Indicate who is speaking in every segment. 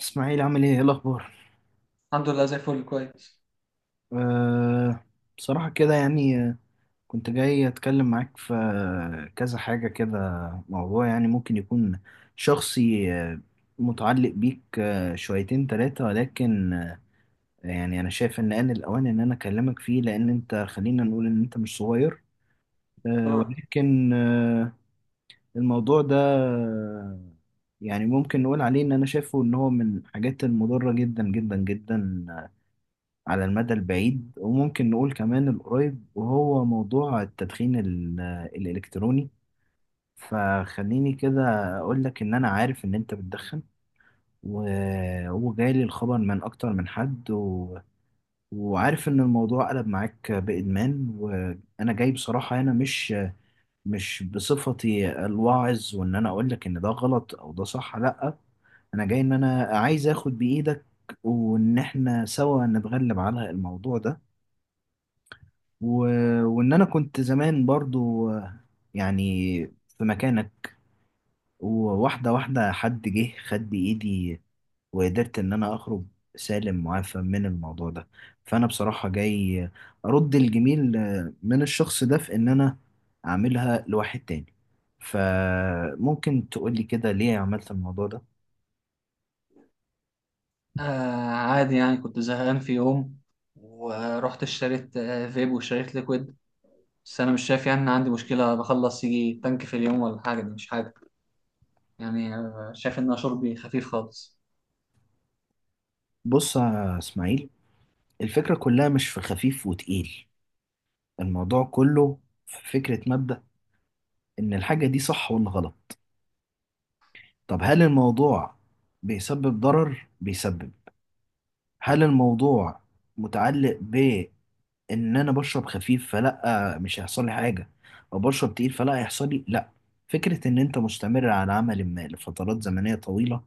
Speaker 1: اسماعيل، عامل ايه؟ ايه الاخبار؟
Speaker 2: الحمد لله زي الفل كويس.
Speaker 1: أه. بصراحه كده يعني كنت جاي اتكلم معاك في كذا حاجه كده. موضوع يعني ممكن يكون شخصي متعلق بيك شويتين تلاتة، ولكن يعني انا شايف ان آن الاوان ان انا اكلمك فيه، لان انت، خلينا نقول، ان انت مش صغير.
Speaker 2: اه.
Speaker 1: ولكن الموضوع ده يعني ممكن نقول عليه ان انا شايفه ان هو من الحاجات المضره جدا جدا جدا على المدى البعيد، وممكن نقول كمان القريب، وهو موضوع التدخين الإلكتروني. فخليني كده أقول لك إن أنا عارف إن أنت بتدخن، وجايلي الخبر من أكتر من حد وعارف إن الموضوع قلب معاك بإدمان. وأنا جاي بصراحة هنا، مش بصفتي الواعظ، وإن أنا أقول لك إن ده غلط أو ده صح، لأ. أنا جاي إن أنا عايز آخد بإيدك، وإن إحنا سوا نتغلب على الموضوع ده. و... وان انا كنت زمان برضو يعني في مكانك، وواحده واحده حد جه خد بايدي، وقدرت ان انا اخرج سالم معافى من الموضوع ده. فانا بصراحه جاي ارد الجميل من الشخص ده، في ان انا اعملها لواحد تاني. فممكن تقولي كده، ليه عملت الموضوع ده؟
Speaker 2: آه. عادي، يعني كنت زهقان في يوم ورحت اشتريت فيب واشتريت ليكويد. بس انا مش شايف يعني ان عندي مشكلة، بخلص يجي تانك في اليوم ولا حاجة. دي مش حاجة يعني شايف ان أنا شربي خفيف خالص.
Speaker 1: بص يا اسماعيل، الفكره كلها مش في خفيف وتقيل. الموضوع كله في فكره مبدأ، ان الحاجه دي صح ولا غلط. طب هل الموضوع بيسبب ضرر؟ هل الموضوع متعلق بإن أنا بشرب خفيف فلأ مش هيحصل لي حاجة، أو بشرب تقيل فلأ هيحصل لي؟ لأ. فكرة إن أنت مستمر على عمل ما لفترات زمنية طويلة،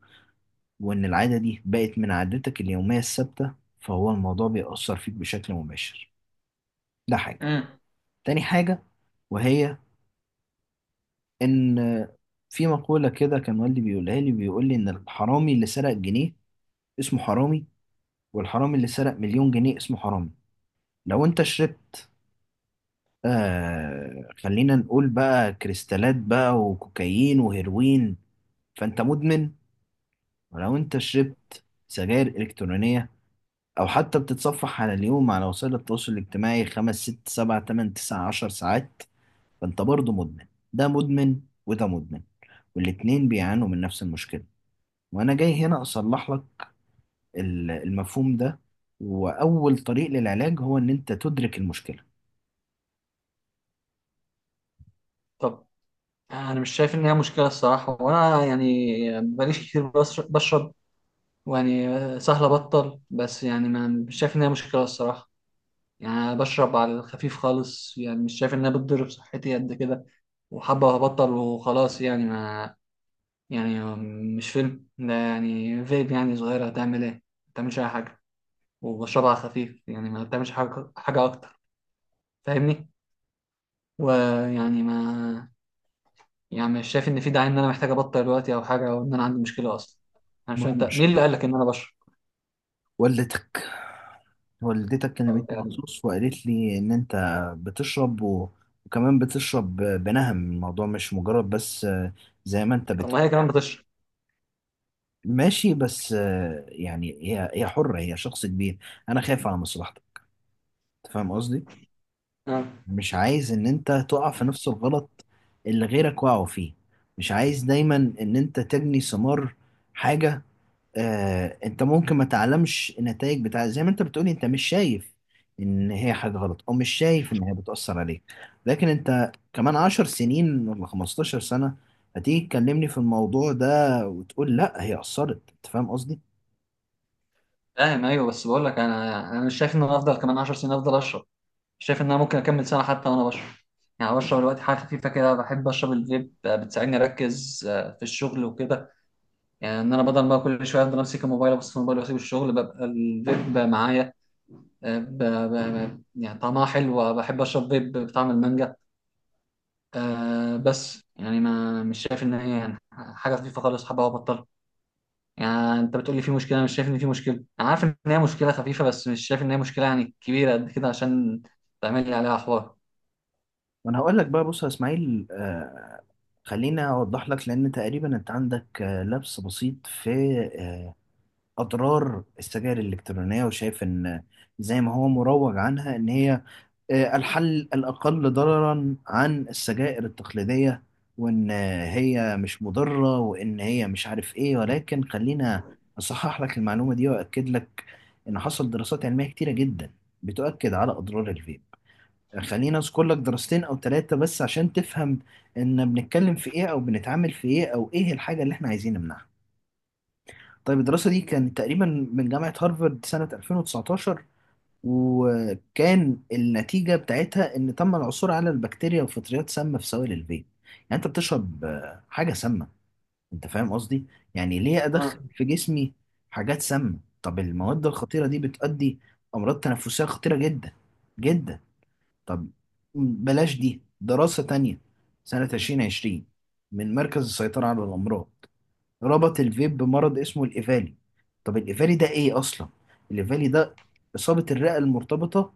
Speaker 1: وإن العادة دي بقت من عادتك اليومية الثابتة، فهو الموضوع بيأثر فيك بشكل مباشر. ده حاجة.
Speaker 2: امم
Speaker 1: تاني حاجة، وهي إن في مقولة كده كان والدي بيقولها لي، بيقول لي إن الحرامي اللي سرق جنيه اسمه حرامي، والحرامي اللي سرق مليون جنيه اسمه حرامي. لو انت شربت خلينا نقول بقى كريستالات بقى، وكوكايين وهيروين، فانت مدمن. ولو انت شربت سجاير الكترونية، او حتى بتتصفح على اليوم على وسائل التواصل الاجتماعي خمس ست سبع تمن تسع عشر ساعات، فانت برضه مدمن. ده مدمن وده مدمن، والاتنين بيعانوا من نفس المشكلة. وانا جاي هنا اصلح لك المفهوم ده، واول طريق للعلاج هو ان انت تدرك المشكلة.
Speaker 2: طب، انا مش شايف ان هي مشكلة الصراحة، وانا يعني بقاليش كتير بشرب. يعني سهل ابطل، بس يعني ما مش شايف ان هي مشكلة الصراحة. يعني أنا بشرب على الخفيف خالص، يعني مش شايف انها بتضر بصحتي قد كده. وحابة وهبطل وخلاص يعني ما يعني مش فيلم ده، يعني فيب، يعني صغيرة هتعمل ايه؟ ما بتعملش أي حاجة. وبشربها على خفيف، يعني ما بتعملش حاجة حاجة أكتر. فاهمني؟ ويعني ما يعني مش شايف إن في داعي إن أنا محتاج أبطل دلوقتي أو حاجة، أو إن أنا عندي مشكلة أصلا. أنا مش فاهم، أنت
Speaker 1: مش
Speaker 2: مين اللي قال لك إن أنا بشرب؟
Speaker 1: والدتك؟ والدتك كلمتني
Speaker 2: يعني
Speaker 1: مخصوص وقالت لي ان انت بتشرب وكمان بتشرب بنهم. الموضوع مش مجرد بس زي ما انت
Speaker 2: طب ما هي
Speaker 1: بتقول.
Speaker 2: كمان بتشرب.
Speaker 1: ماشي، بس يعني هي حرة، هي شخص كبير. انا خايف على مصلحتك، أنت فاهم قصدي؟
Speaker 2: اه.
Speaker 1: مش عايز ان انت تقع في نفس الغلط اللي غيرك وقعوا فيه. مش عايز دايما ان انت تجني ثمار حاجة. انت ممكن ما تعلمش النتائج بتاع، زي ما انت بتقولي، انت مش شايف ان هي حاجة غلط، او مش شايف ان هي بتأثر عليك. لكن انت كمان 10 سنين ولا 15 سنة هتيجي تكلمني في الموضوع ده وتقول لا، هي أثرت. انت فاهم قصدي؟
Speaker 2: فاهم، أيوه، بس بقول لك أنا مش شايف إن أنا أفضل كمان 10 سنين أفضل أشرب، شايف ان انا ممكن اكمل سنه حتى وانا بشرب. يعني بشرب دلوقتي حاجه خفيفه كده، بحب اشرب الفيب. بتساعدني اركز في الشغل وكده. يعني ان انا بدل ما كل شويه افضل امسك الموبايل، ابص في الموبايل واسيب الشغل، ببقى الفيب معايا. آه، ب... ب... يعني طعمها حلو، بحب اشرب فيب بطعم المانجا. بس يعني ما مش شايف ان هي يعني حاجه خفيفه خالص، حابه ابطلها. يعني انت بتقول لي في مشكله، أنا مش شايف ان في مشكله. انا عارف ان هي مشكله خفيفه، بس مش شايف ان هي مشكله يعني كبيره قد كده عشان تعمل لي عليها حوار.
Speaker 1: وانا هقول لك بقى، بص يا اسماعيل، خليني اوضح لك، لان تقريبا انت عندك لبس بسيط في آه، اضرار السجائر الالكترونيه، وشايف ان زي ما هو مروج عنها ان هي الحل الأقل ضررا عن السجائر التقليدية، وإن هي مش مضرة، وإن هي مش عارف إيه. ولكن خلينا أصحح لك المعلومة دي، وأكد لك إن حصل دراسات علمية كتيرة جدا بتؤكد على أضرار الفيب. خلينا أذكر لك دراستين أو ثلاثة بس عشان تفهم إن بنتكلم في إيه، أو بنتعامل في إيه، أو إيه الحاجة اللي إحنا عايزين نمنعها. طيب، الدراسة دي كانت تقريبا من جامعة هارفارد سنة 2019، وكان النتيجة بتاعتها إن تم العثور على البكتيريا وفطريات سامة في سوائل الفيب. يعني أنت بتشرب حاجة سامة. أنت فاهم قصدي؟ يعني ليه أدخل في جسمي حاجات سامة؟ طب المواد الخطيرة دي بتؤدي أمراض تنفسية خطيرة جدا جدا. طب، بلاش دي. دراسة تانية سنة 2020 من مركز السيطرة على الأمراض ربط الفيب بمرض اسمه الإيفالي. طب الإيفالي ده إيه أصلا؟ الإيفالي ده إصابة الرئة المرتبطة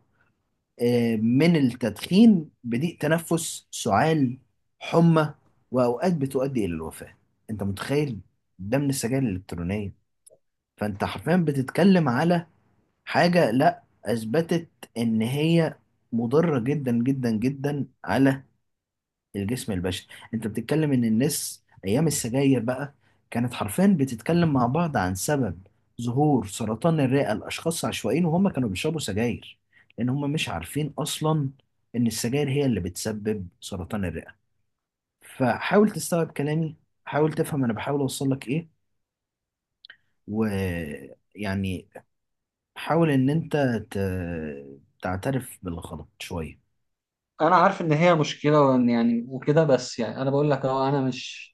Speaker 1: من التدخين بضيق تنفس، سعال، حمى، وأوقات بتؤدي إلى الوفاة. أنت متخيل؟ ده من السجاير الإلكترونية. فأنت حرفيا بتتكلم على حاجة لا أثبتت إن هي مضرة جدا جدا جدا على الجسم البشري. انت بتتكلم ان الناس ايام السجاير بقى كانت حرفيا بتتكلم مع بعض عن سبب ظهور سرطان الرئة لاشخاص عشوائيين وهم كانوا بيشربوا سجاير، لان هم مش عارفين اصلا ان السجاير هي اللي بتسبب سرطان الرئة. فحاول تستوعب كلامي، حاول تفهم انا بحاول اوصل لك ايه. ويعني حاول ان انت ت... تعترف بالغلط شوية.
Speaker 2: انا عارف ان هي مشكله وإن يعني وكده، بس يعني انا بقول لك اهو انا مش.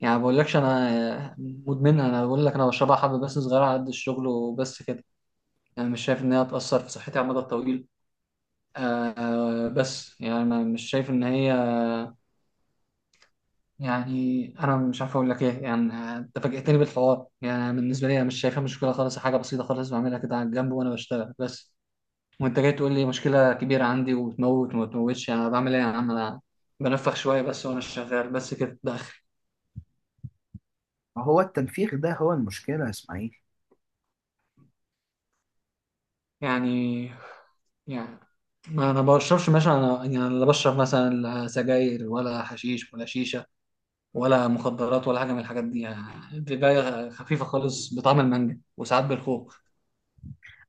Speaker 2: يعني ما بقولكش انا مدمنها، انا بقول لك انا بشربها حبه بس صغيره على قد الشغل وبس كده. يعني مش شايف ان هي هتاثر في صحتي على المدى الطويل. آه. بس يعني انا مش شايف ان هي، يعني انا مش عارف اقول لك ايه. يعني انت فاجئتني بالحوار، يعني بالنسبه لي انا مش شايفها مشكله خالص، حاجه بسيطه خالص بعملها كده على الجنب وانا بشتغل بس. وانت جاي تقول لي مشكلة كبيرة عندي، وتموت وما تموتش، انا بعمل ايه يا عم؟ انا بنفخ شوية بس وانا شغال، بس كده ده اخري.
Speaker 1: هو التنفيخ ده هو المشكلة يا اسماعيل.
Speaker 2: يعني يعني ما انا بشربش مثلا، انا يعني لا بشرب مثلا لا سجاير ولا حشيش ولا شيشة ولا مخدرات ولا حاجة من الحاجات دي، يعني بداية خفيفة خالص بطعم المانجا وساعات بالخوخ.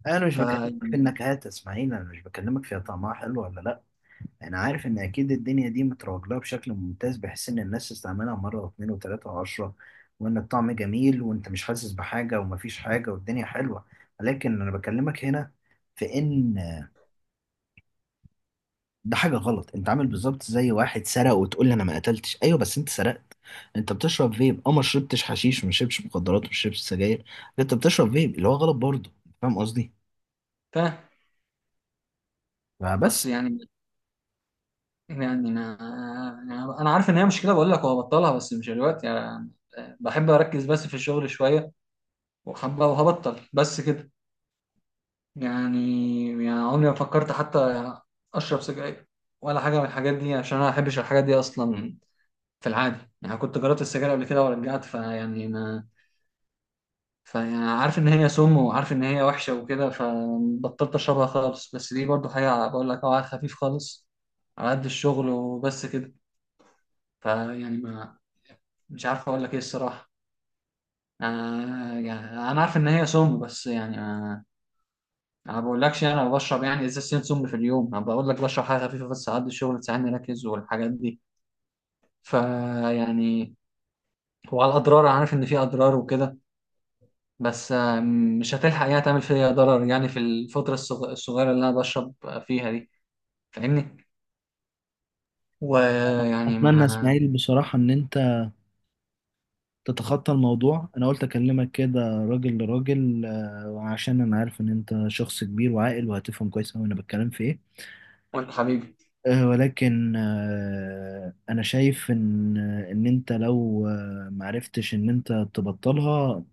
Speaker 1: انا مش
Speaker 2: ف
Speaker 1: بكلمك في النكهات اسماعيل، انا مش بكلمك فيها طعمها حلو ولا لا. انا عارف ان اكيد الدنيا دي متروج لها بشكل ممتاز بحيث ان الناس تستعملها مره واثنين وثلاثه وعشره، وان الطعم جميل وانت مش حاسس بحاجه ومفيش حاجه والدنيا حلوه. لكن انا بكلمك هنا في ان ده حاجه غلط. انت عامل بالظبط زي واحد سرق وتقول لي انا ما قتلتش. ايوه، بس انت سرقت. انت بتشرب فيب، ما شربتش حشيش، وما شربتش مخدرات، وما شربتش سجاير. انت بتشرب فيب اللي هو غلط برضه. فاهم قصدي؟
Speaker 2: فاهم. بس
Speaker 1: فبس.
Speaker 2: يعني يعني انا، يعني انا عارف ان هي مشكلة بقول لك وهبطلها، بس مش دلوقتي يعني. بحب اركز بس في الشغل شوية، وحبه وهبطل بس كده. يعني يعني عمري ما فكرت حتى اشرب سجاير ولا حاجه من الحاجات دي، عشان انا ما بحبش الحاجات دي اصلا في العادي. يعني كنت جربت السجاير قبل كده ورجعت، فيعني ما فيعني عارف ان هي سم وعارف ان هي وحشه وكده، فبطلت اشربها خالص. بس دي برضو حاجه بقول لك اه على خفيف خالص، على قد الشغل وبس كده. فيعني ما مش عارف اقول لك ايه الصراحه. آه، يعني انا عارف ان هي سم، بس يعني انا ما بقولكش يعني انا بشرب يعني ازازتين سم في اليوم. انا بقول لك بشرب حاجه خفيفه بس اعدي الشغل تساعدني اركز والحاجات دي. فيعني، وعلى الاضرار انا عارف ان في اضرار وكده، بس مش هتلحق يعني تعمل فيا ضرر، يعني في الفتره الصغيره اللي انا بشرب فيها دي. فاهمني؟ ويعني
Speaker 1: اتمنى
Speaker 2: ما.
Speaker 1: اسماعيل بصراحة ان انت تتخطى الموضوع. انا قلت اكلمك كده راجل لراجل عشان انا عارف ان انت شخص كبير وعاقل وهتفهم كويس اوي انا بتكلم في ايه.
Speaker 2: قول حبيبي.
Speaker 1: ولكن انا شايف ان انت لو معرفتش ان انت تبطلها،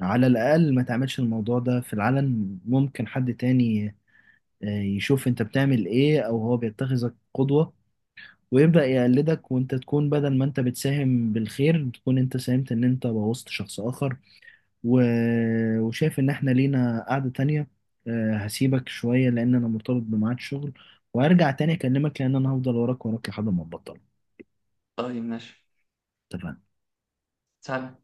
Speaker 1: على الاقل ما تعملش الموضوع ده في العلن. ممكن حد تاني يشوف انت بتعمل ايه، او هو بيتخذك قدوة، ويبدأ يقلدك، وانت تكون بدل ما انت بتساهم بالخير تكون انت ساهمت ان انت بوظت شخص اخر. و... وشايف ان احنا لينا قعدة تانية. هسيبك شوية لان انا مرتبط بميعاد شغل، وهرجع تاني اكلمك لان انا هفضل وراك وراك لحد ما ابطل.
Speaker 2: طيب، ماشي.
Speaker 1: اتفقنا؟
Speaker 2: سلام.